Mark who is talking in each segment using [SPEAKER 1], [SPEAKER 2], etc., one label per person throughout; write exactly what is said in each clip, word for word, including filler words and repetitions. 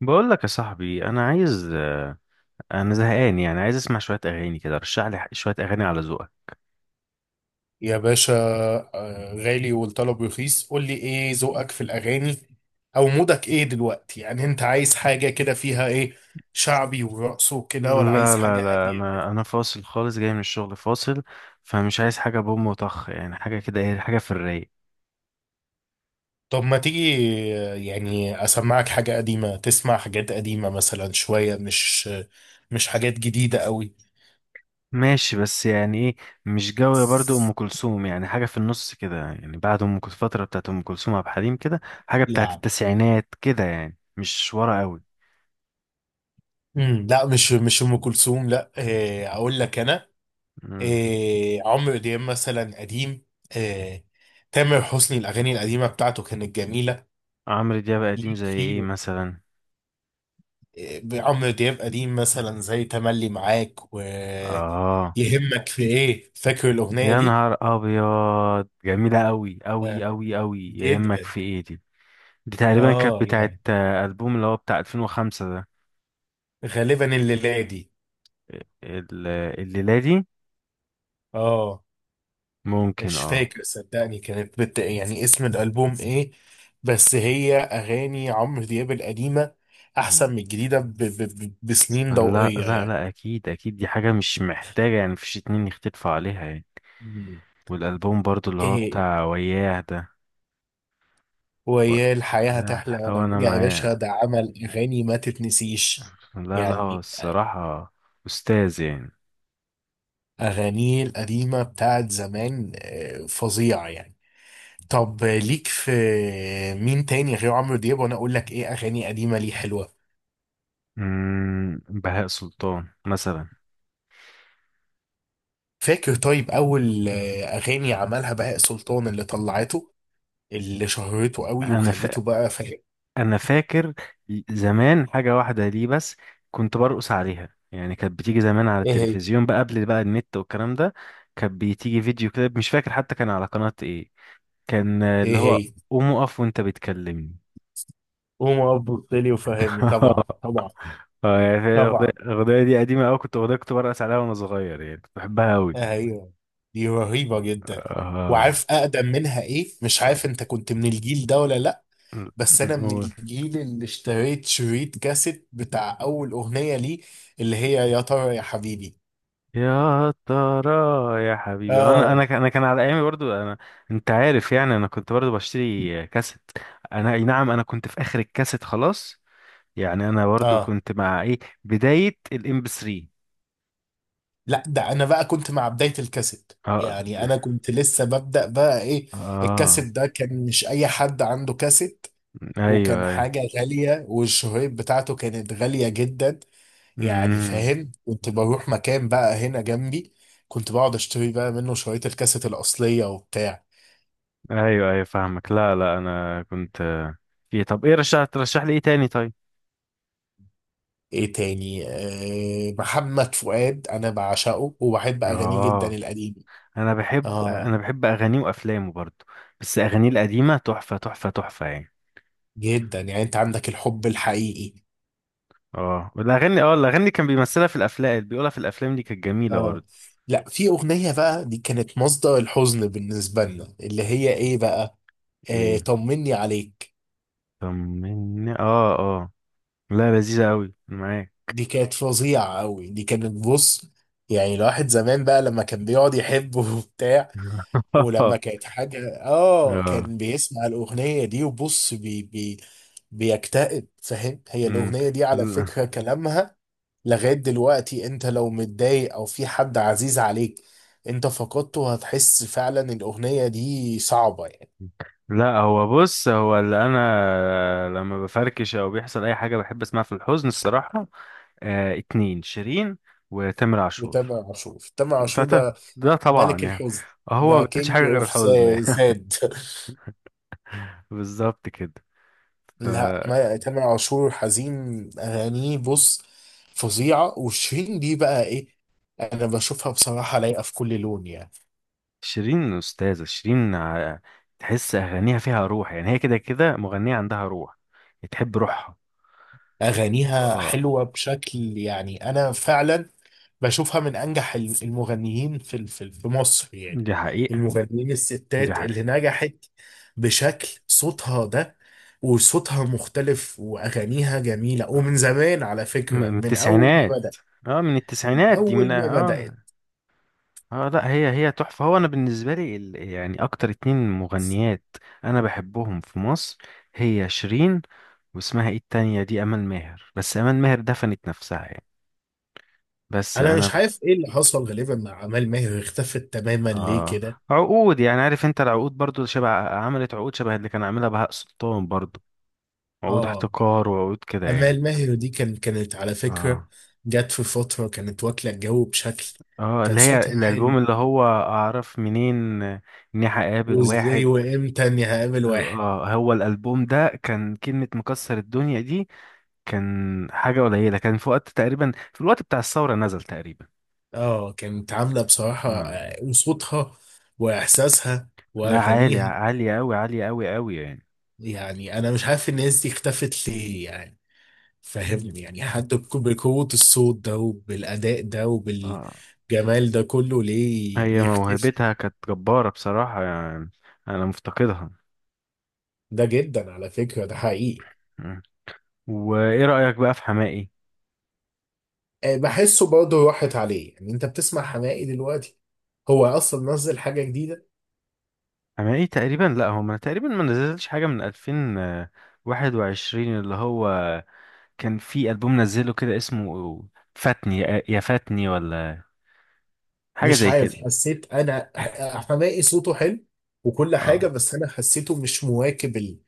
[SPEAKER 1] بقول لك يا صاحبي، انا عايز آه، انا زهقان، يعني عايز اسمع شويه اغاني كده. رشح لي ح- شويه اغاني على ذوقك.
[SPEAKER 2] يا باشا. آه، غالي والطلب رخيص، قول لي ايه ذوقك في الاغاني؟ او مودك ايه دلوقتي؟ يعني انت عايز حاجه كده فيها ايه، شعبي ورقص وكده، ولا عايز
[SPEAKER 1] لا لا
[SPEAKER 2] حاجه
[SPEAKER 1] لا،
[SPEAKER 2] هاديه؟
[SPEAKER 1] انا انا فاصل خالص، جاي من الشغل فاصل، فمش عايز حاجه بوم وطخ يعني، حاجه كده ايه، حاجه في الرايق.
[SPEAKER 2] طب ما تيجي آه، يعني اسمعك حاجه قديمه، تسمع حاجات قديمه مثلا، شويه مش مش حاجات جديده قوي.
[SPEAKER 1] ماشي، بس يعني ايه؟ مش جو برضو ام كلثوم، يعني حاجه في النص كده يعني، بعد ام كلثوم الفتره بتاعت ام كلثوم، عبد الحليم كده، حاجه بتاعت
[SPEAKER 2] لا،
[SPEAKER 1] التسعينات كده، يعني مش ورا قوي.
[SPEAKER 2] امم لا، مش مش ام كلثوم، لا. آه، اقول لك انا
[SPEAKER 1] مم.
[SPEAKER 2] إيه، عمرو دياب مثلا قديم، إيه، تامر حسني الأغاني القديمة بتاعته كانت جميلة.
[SPEAKER 1] عمرو دياب قديم
[SPEAKER 2] ليك
[SPEAKER 1] زي ايه
[SPEAKER 2] فيه
[SPEAKER 1] مثلا؟
[SPEAKER 2] إيه؟ عمرو دياب قديم مثلا زي تملي معاك
[SPEAKER 1] اه،
[SPEAKER 2] ويهمك في إيه، فاكر الأغنية
[SPEAKER 1] يا
[SPEAKER 2] دي؟
[SPEAKER 1] نهار ابيض، جميله قوي قوي
[SPEAKER 2] آه.
[SPEAKER 1] قوي قوي، يهمك
[SPEAKER 2] جدا.
[SPEAKER 1] في ايه دي. دي تقريبا كانت
[SPEAKER 2] آه
[SPEAKER 1] بتاعت
[SPEAKER 2] يعني
[SPEAKER 1] آه، البوم اللي هو بتاع ألفين وخمسة ده.
[SPEAKER 2] غالبا الليلة دي.
[SPEAKER 1] ال- الليله دي،
[SPEAKER 2] آه.
[SPEAKER 1] ممكن
[SPEAKER 2] مش
[SPEAKER 1] اه.
[SPEAKER 2] فاكر صدقني، كانت بت... يعني اسم الألبوم إيه؟ بس هي أغاني عمرو دياب القديمة
[SPEAKER 1] مم.
[SPEAKER 2] أحسن من الجديدة ب... ب... ب- بسنين
[SPEAKER 1] لا لا
[SPEAKER 2] ضوئية.
[SPEAKER 1] لا، اكيد اكيد، دي حاجه مش محتاجه يعني، مفيش اتنين يختلفوا عليها يعني.
[SPEAKER 2] يعني
[SPEAKER 1] والالبوم برضو اللي هو
[SPEAKER 2] ايه؟
[SPEAKER 1] بتاع وياه ده. و-
[SPEAKER 2] ويا الحياة،
[SPEAKER 1] لا،
[SPEAKER 2] هتحلى،
[SPEAKER 1] لو
[SPEAKER 2] وانا
[SPEAKER 1] انا
[SPEAKER 2] يا
[SPEAKER 1] معاه،
[SPEAKER 2] باشا ده عمل اغاني ما تتنسيش.
[SPEAKER 1] لا لا، هو
[SPEAKER 2] يعني
[SPEAKER 1] الصراحه استاذ يعني.
[SPEAKER 2] اغانيه القديمة بتاعت زمان آه، فظيعة يعني. طب ليك في مين تاني غير عمرو دياب وانا اقول لك ايه اغاني قديمة ليه حلوة؟
[SPEAKER 1] أمم، بهاء سلطان مثلا.
[SPEAKER 2] فاكر طيب اول آه، اغاني عملها بهاء سلطان اللي طلعته اللي شهرته قوي
[SPEAKER 1] انا ف...
[SPEAKER 2] وخلته بقى فاهم؟
[SPEAKER 1] انا فاكر زمان حاجه واحده ليه بس، كنت برقص عليها يعني، كانت بتيجي زمان على
[SPEAKER 2] ايه هي؟
[SPEAKER 1] التلفزيون بقى قبل بقى النت والكلام ده. كانت بتيجي فيديو كده، مش فاكر حتى كان على قناه ايه. كان آه،
[SPEAKER 2] ايه
[SPEAKER 1] اللي هو
[SPEAKER 2] هي؟
[SPEAKER 1] قوم اقف وانت بتكلمني.
[SPEAKER 2] قوم ابو لي وفهمني، طبعا طبعا
[SPEAKER 1] اه يعني الأغنية
[SPEAKER 2] طبعا.
[SPEAKER 1] الأغنية دي قديمة أوي، كنت أغنية، كنت برقص عليها وأنا صغير يعني، كنت بحبها أوي.
[SPEAKER 2] ايوه، دي رهيبه جدا. وعارف اقدم منها ايه؟ مش عارف انت كنت من الجيل ده ولا لا، بس انا من
[SPEAKER 1] اه،
[SPEAKER 2] الجيل اللي اشتريت شريط كاسيت بتاع اول اغنيه ليه، اللي هي يا ترى يا حبيبي.
[SPEAKER 1] يا ترى يا حبيبي. انا
[SPEAKER 2] اه
[SPEAKER 1] انا ك- انا كان على ايامي برضو انا. انت عارف يعني، انا كنت برضو بشتري كاسيت. انا اي نعم، انا كنت في اخر الكاسيت خلاص، يعني انا برضو
[SPEAKER 2] اه.
[SPEAKER 1] كنت مع ايه، بداية الام بي ثلاثة.
[SPEAKER 2] لا ده انا بقى كنت مع بدايه الكاسيت،
[SPEAKER 1] اه،
[SPEAKER 2] يعني انا كنت لسه ببدأ بقى ايه.
[SPEAKER 1] اه،
[SPEAKER 2] الكاسيت ده كان مش اي حد عنده كاسيت،
[SPEAKER 1] ايوه
[SPEAKER 2] وكان
[SPEAKER 1] ايوه،
[SPEAKER 2] حاجة غالية، والشهيب بتاعته كانت غالية جدا. يعني
[SPEAKER 1] امم،
[SPEAKER 2] فاهم، كنت بروح مكان بقى هنا جنبي، كنت بقعد اشتري بقى منه شرايط الكاسيت الأصلية وبتاع.
[SPEAKER 1] ايوه ايوه، فاهمك. لا لا انا كنت في. طب ايه، رشح ترشح لي ايه تاني طيب؟
[SPEAKER 2] ايه تاني؟ آه، محمد فؤاد انا بعشقه وبحب اغانيه جدا
[SPEAKER 1] اه،
[SPEAKER 2] القديمة.
[SPEAKER 1] انا بحب
[SPEAKER 2] اه،
[SPEAKER 1] انا بحب اغانيه وافلامه برضو، بس اغانيه القديمة تحفة تحفة تحفة يعني.
[SPEAKER 2] جدا يعني، انت عندك الحب الحقيقي.
[SPEAKER 1] اه، والاغاني، اه الاغاني كان بيمثلها في الافلام، بيقولها في الافلام، دي كانت جميله
[SPEAKER 2] اه.
[SPEAKER 1] برضه.
[SPEAKER 2] لا، في اغنية بقى دي كانت مصدر الحزن بالنسبة لنا، اللي هي ايه بقى، آه،
[SPEAKER 1] ايه؟
[SPEAKER 2] طمني عليك.
[SPEAKER 1] طمني، اه اه، لا، لذيذه قوي معاك.
[SPEAKER 2] دي كانت فظيعة أوي، دي كانت بص، يعني الواحد زمان بقى لما كان بيقعد يحب وبتاع، ولما كانت حاجة اه
[SPEAKER 1] اه،
[SPEAKER 2] كان بيسمع الأغنية دي، وبص بي بي بيكتئب فاهم. هي
[SPEAKER 1] امم،
[SPEAKER 2] الأغنية دي على
[SPEAKER 1] لا.
[SPEAKER 2] فكرة كلامها لغاية دلوقتي، انت لو متضايق او في حد عزيز عليك انت فقدته، هتحس فعلا الأغنية دي صعبة يعني.
[SPEAKER 1] لا، هو بص، هو اللي انا لما بفركش او بيحصل اي حاجه بحب اسمعها في الحزن الصراحه. آه، اتنين: شيرين وتامر عاشور.
[SPEAKER 2] وتامر عاشور تامر
[SPEAKER 1] ده
[SPEAKER 2] عاشور
[SPEAKER 1] ده
[SPEAKER 2] ده
[SPEAKER 1] ده طبعا
[SPEAKER 2] ملك
[SPEAKER 1] يعني،
[SPEAKER 2] الحزن.
[SPEAKER 1] هو
[SPEAKER 2] ده
[SPEAKER 1] ما بيعملش حاجه
[SPEAKER 2] كينج
[SPEAKER 1] غير
[SPEAKER 2] اوف
[SPEAKER 1] الحزن يعني.
[SPEAKER 2] ساد
[SPEAKER 1] بالظبط كده. ف-
[SPEAKER 2] لا ما تامر عاشور حزين اغانيه، بص فظيعه. وشيرين دي بقى ايه، انا بشوفها بصراحه لايقه في كل لون يعني.
[SPEAKER 1] شيرين، أستاذة شيرين، ع- تحس أغانيها فيها روح يعني، هي كده كده مغنية عندها روح، تحب روحها.
[SPEAKER 2] اغانيها
[SPEAKER 1] اه،
[SPEAKER 2] حلوه بشكل، يعني انا فعلا بشوفها من انجح ال- المغنيين في ال- في في مصر يعني.
[SPEAKER 1] دي حقيقة،
[SPEAKER 2] المغنيين
[SPEAKER 1] دي
[SPEAKER 2] الستات اللي
[SPEAKER 1] حقيقة.
[SPEAKER 2] نجحت بشكل صوتها ده. وصوتها مختلف واغانيها جميله، ومن
[SPEAKER 1] آه،
[SPEAKER 2] زمان على
[SPEAKER 1] م-
[SPEAKER 2] فكره،
[SPEAKER 1] من
[SPEAKER 2] من اول ما
[SPEAKER 1] التسعينات.
[SPEAKER 2] بدأ،
[SPEAKER 1] اه، من
[SPEAKER 2] من
[SPEAKER 1] التسعينات دي، من
[SPEAKER 2] اول ما
[SPEAKER 1] اه.
[SPEAKER 2] بدأت.
[SPEAKER 1] اه، آه، لا، هي هي تحفة. هو أنا بالنسبة لي ال... يعني أكتر اتنين مغنيات أنا بحبهم في مصر، هي شيرين، واسمها ايه التانية دي، أمال ماهر. بس أمال ماهر دفنت نفسها يعني. بس
[SPEAKER 2] انا مش
[SPEAKER 1] أنا
[SPEAKER 2] عارف ايه اللي حصل غالبا مع امال ماهر، اختفت تماما ليه
[SPEAKER 1] اه
[SPEAKER 2] كده.
[SPEAKER 1] عقود يعني، عارف انت، العقود برضو شبه، عملت عقود شبه اللي كان عاملها بهاء سلطان برضو، عقود
[SPEAKER 2] اه
[SPEAKER 1] احتكار وعقود كده يعني.
[SPEAKER 2] امال ماهر دي كان كانت على فكره
[SPEAKER 1] اه،
[SPEAKER 2] جت في فتره كانت واكله الجو بشكل،
[SPEAKER 1] اه،
[SPEAKER 2] كان
[SPEAKER 1] اللي هي
[SPEAKER 2] صوتها حلو.
[SPEAKER 1] الالبوم اللي هو اعرف منين اني هقابل
[SPEAKER 2] وازاي
[SPEAKER 1] واحد.
[SPEAKER 2] وامتى اني هقابل
[SPEAKER 1] اه،
[SPEAKER 2] واحد.
[SPEAKER 1] آه، هو الالبوم ده كان كلمة مكسر الدنيا دي، كان حاجة قليلة، كان في وقت تقريبا، في الوقت بتاع الثورة نزل تقريبا.
[SPEAKER 2] اه كانت عامله بصراحه
[SPEAKER 1] اه،
[SPEAKER 2] آه، وصوتها واحساسها
[SPEAKER 1] لا، عالي،
[SPEAKER 2] واغانيها.
[SPEAKER 1] عالية قوي، عالية قوي قوي يعني.
[SPEAKER 2] يعني انا مش عارف الناس دي اختفت ليه يعني،
[SPEAKER 1] مم.
[SPEAKER 2] فاهمني؟ يعني حد بك- بقوه الصوت ده وبالاداء ده وبال
[SPEAKER 1] اه،
[SPEAKER 2] جمال ده كله ليه
[SPEAKER 1] هي موهبتها
[SPEAKER 2] يختفي؟
[SPEAKER 1] كانت جبارة بصراحة يعني، أنا مفتقدها.
[SPEAKER 2] ده جدا على فكرة ده حقيقي.
[SPEAKER 1] مم. وإيه رأيك بقى في حماقي؟
[SPEAKER 2] آه، بحسه برضه راحت عليه، يعني انت بتسمع حماقي دلوقتي؟ هو اصلا نزل حاجة جديدة؟
[SPEAKER 1] حماقي تقريبا لأ، هو ما تقريبا ما نزلش حاجة من ألفين وواحد وعشرين، اللي هو كان في ألبوم نزله كده اسمه فاتني، يا فاتني، ولا حاجة
[SPEAKER 2] مش
[SPEAKER 1] زي كده.
[SPEAKER 2] عارف، حسيت انا ح- حماقي صوته حلو وكل حاجة،
[SPEAKER 1] اه،
[SPEAKER 2] بس انا حسيته مش مواكب ال...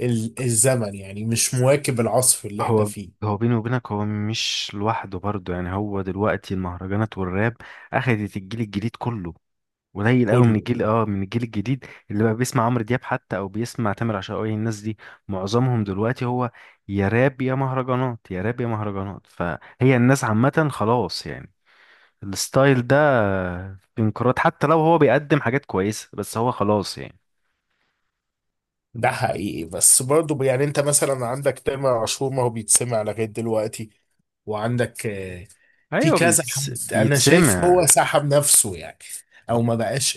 [SPEAKER 2] ال... الزمن، يعني مش مواكب العصر اللي احنا
[SPEAKER 1] هو
[SPEAKER 2] فيه
[SPEAKER 1] هو بيني وبينك، هو مش لوحده برضه يعني. هو دلوقتي المهرجانات والراب أخدت الجيل الجديد كله. قليل قوي من
[SPEAKER 2] كله.
[SPEAKER 1] الجيل، اه من الجيل الجديد اللي بقى بيسمع عمرو دياب حتى او بيسمع تامر عاشور. الناس دي معظمهم دلوقتي هو يا راب يا مهرجانات، يا راب يا مهرجانات، فهي الناس عامة خلاص يعني، الستايل ده في انقراض. حتى لو هو بيقدم حاجات كويسة، بس هو خلاص يعني.
[SPEAKER 2] ده حقيقي، بس برضه يعني انت مثلا عندك تامر عاشور ما هو بيتسمع لغاية دلوقتي. وعندك في
[SPEAKER 1] ايوه،
[SPEAKER 2] كذا
[SPEAKER 1] بيتس...
[SPEAKER 2] حد انا شايف هو
[SPEAKER 1] بيتسمع.
[SPEAKER 2] سحب نفسه يعني، او ما بقاش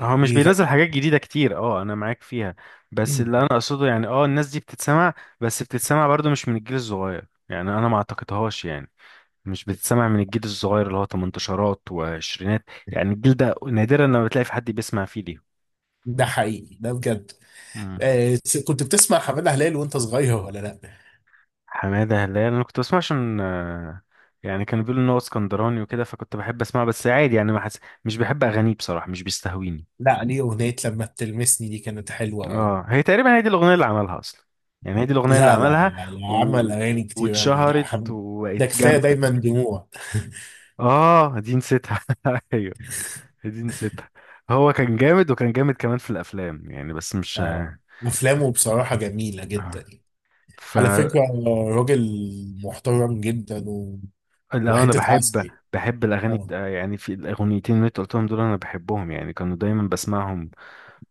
[SPEAKER 1] هو مش
[SPEAKER 2] يغني.
[SPEAKER 1] بينزل حاجات جديدة كتير، اه انا معاك فيها، بس
[SPEAKER 2] مم.
[SPEAKER 1] اللي انا اقصده يعني، اه الناس دي بتتسمع، بس بتتسمع برضو مش من الجيل الصغير يعني، انا ما اعتقدهاش يعني، مش بتتسمع من الجيل الصغير اللي هو تمنتاشرات وعشرينات، يعني الجيل ده نادرا لما بتلاقي في حد بيسمع فيه ليه.
[SPEAKER 2] ده حقيقي ده بجد.
[SPEAKER 1] مم.
[SPEAKER 2] آه كنت بتسمع حماده هلال وانت صغير ولا لا؟
[SPEAKER 1] حمادة هلال انا كنت بسمع عشان آه، يعني كانوا بيقولوا ان هو اسكندراني وكده، فكنت بحب اسمعه بس عادي يعني. ما حس... مش بحب اغانيه بصراحة، مش بيستهويني.
[SPEAKER 2] لا ليه اغنيه لما بتلمسني دي كانت حلوه قوي.
[SPEAKER 1] اه، هي تقريبا هي دي الاغنية اللي عملها اصلا يعني، هي دي الاغنية اللي
[SPEAKER 2] لا لا
[SPEAKER 1] عملها
[SPEAKER 2] لا لا
[SPEAKER 1] و...
[SPEAKER 2] عمل اغاني كتير قوي، لا
[SPEAKER 1] واتشهرت
[SPEAKER 2] حم...
[SPEAKER 1] وبقت
[SPEAKER 2] ده كفايه
[SPEAKER 1] جامدة.
[SPEAKER 2] دايما دموع.
[SPEAKER 1] اه، دي نسيتها ايوه، دي نسيتها. هو كان جامد، وكان جامد كمان في الافلام يعني، بس مش
[SPEAKER 2] آه افلامه بصراحه جميله جدا
[SPEAKER 1] آه.
[SPEAKER 2] يعني. على
[SPEAKER 1] فلو
[SPEAKER 2] فكره، راجل محترم جدا، و...
[SPEAKER 1] انا
[SPEAKER 2] وحته
[SPEAKER 1] بحب
[SPEAKER 2] عسل.
[SPEAKER 1] بحب الاغاني
[SPEAKER 2] آه.
[SPEAKER 1] بتا... يعني في الاغنيتين اللي انت قلتهم دول انا بحبهم يعني، كانوا دايما بسمعهم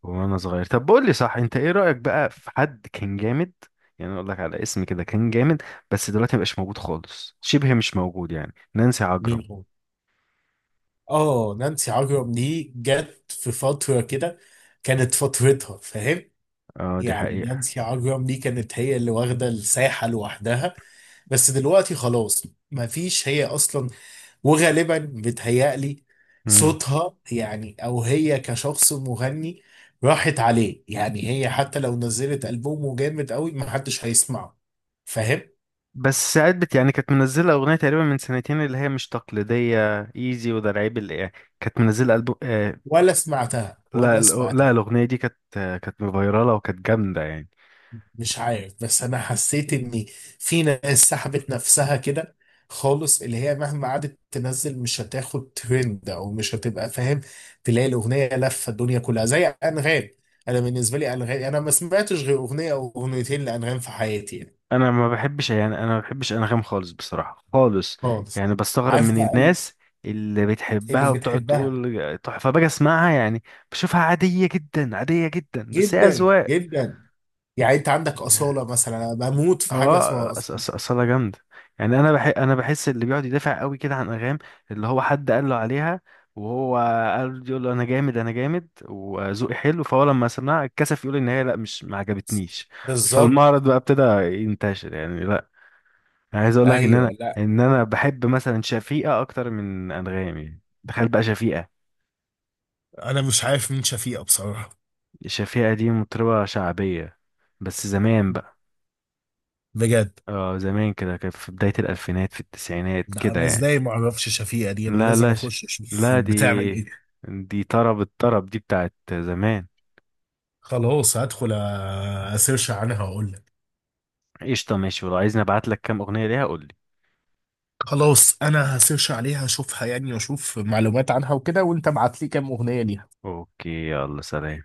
[SPEAKER 1] وانا صغير. طب بقول لي صح، انت ايه رايك بقى في حد كان جامد، يعني اقول لك على اسم كده كان جامد بس دلوقتي مبقاش موجود خالص، شبه مش موجود يعني، نانسي عجرم.
[SPEAKER 2] مين هو؟ اه نانسي عجرم دي جت في فترة كده كانت فترتها فاهم،
[SPEAKER 1] اه، دي
[SPEAKER 2] يعني
[SPEAKER 1] حقيقه.
[SPEAKER 2] نانسي عجرم دي كانت هي اللي واخدة الساحة لوحدها، بس دلوقتي خلاص مفيش هي أصلا. وغالبا بتهيألي
[SPEAKER 1] مم.
[SPEAKER 2] صوتها يعني، أو هي كشخص مغني راحت عليه، يعني هي حتى لو نزلت ألبوم جامد قوي محدش هيسمعه، فاهم؟
[SPEAKER 1] بس ساعات بت يعني، كانت منزله اغنيه تقريبا من سنتين اللي هي مش تقليديه ايزي، وده العيب اللي يعني، كانت منزله البوم آه
[SPEAKER 2] ولا سمعتها
[SPEAKER 1] لا
[SPEAKER 2] ولا سمعتها.
[SPEAKER 1] لا، الاغنيه دي كانت، آه، كانت فايراله وكانت جامده يعني،
[SPEAKER 2] مش عارف بس انا حسيت ان في ناس سحبت نفسها كده خالص، اللي هي مهما قعدت تنزل مش هتاخد ترند او مش هتبقى فاهم. تلاقي الاغنيه لفه الدنيا كلها زي انغام. انا بالنسبه لي انغام انا ما سمعتش غير اغنيه او اغنيتين لانغام في حياتي يعني،
[SPEAKER 1] انا ما بحبش يعني انا ما بحبش انغام خالص بصراحه خالص،
[SPEAKER 2] خالص.
[SPEAKER 1] يعني بستغرب
[SPEAKER 2] عارف
[SPEAKER 1] من
[SPEAKER 2] بقى ال-
[SPEAKER 1] الناس اللي
[SPEAKER 2] اللي
[SPEAKER 1] بتحبها وبتقعد
[SPEAKER 2] بتحبها
[SPEAKER 1] تقول تحفه، باجي اسمعها يعني، بشوفها عاديه جدا، عاديه جدا، بس هي
[SPEAKER 2] جدا
[SPEAKER 1] اذواق.
[SPEAKER 2] جدا؟ يعني انت عندك اصاله مثلا، انا بموت في حاجه
[SPEAKER 1] اه، أص-
[SPEAKER 2] اسمها اصاله.
[SPEAKER 1] أص- اصلها جامده يعني. انا بح انا بحس اللي بيقعد يدافع قوي كده عن انغام، اللي هو حد قال له عليها وهو قال، يقول له انا جامد انا جامد وذوقي حلو، فهو لما سمعها اتكسف يقول ان هي لا، مش ما عجبتنيش.
[SPEAKER 2] بالظبط.
[SPEAKER 1] فالمعرض بقى ابتدى ينتشر يعني. لا، انا عايز اقول لك ان
[SPEAKER 2] ايوه
[SPEAKER 1] انا
[SPEAKER 2] لا،
[SPEAKER 1] ان انا بحب مثلا شفيقة اكتر من انغام يعني. تخيل بقى شفيقة.
[SPEAKER 2] انا مش عارف مين شفيقه بصراحه.
[SPEAKER 1] شفيقة دي مطربة شعبية بس زمان بقى.
[SPEAKER 2] بجد،
[SPEAKER 1] اه، زمان كده، كان في بداية الالفينات، في التسعينات
[SPEAKER 2] ده
[SPEAKER 1] كده
[SPEAKER 2] انا
[SPEAKER 1] يعني.
[SPEAKER 2] ازاي ما اعرفش شفيقة دي، انا
[SPEAKER 1] لا
[SPEAKER 2] لازم
[SPEAKER 1] لا ش...
[SPEAKER 2] اخش اشوف
[SPEAKER 1] لا دي
[SPEAKER 2] بتعمل ايه.
[SPEAKER 1] دي طرب، الطرب دي بتاعت زمان.
[SPEAKER 2] خلاص هدخل أ- اسيرش عنها واقول لك.
[SPEAKER 1] قشطة، ماشي، ولو عايزني ابعت لك كام اغنية ليها قول لي.
[SPEAKER 2] خلاص انا هسيرش عليها اشوفها يعني واشوف معلومات عنها وكده، وانت ابعت لي كام اغنية ليها.
[SPEAKER 1] اوكي، يلا سلام.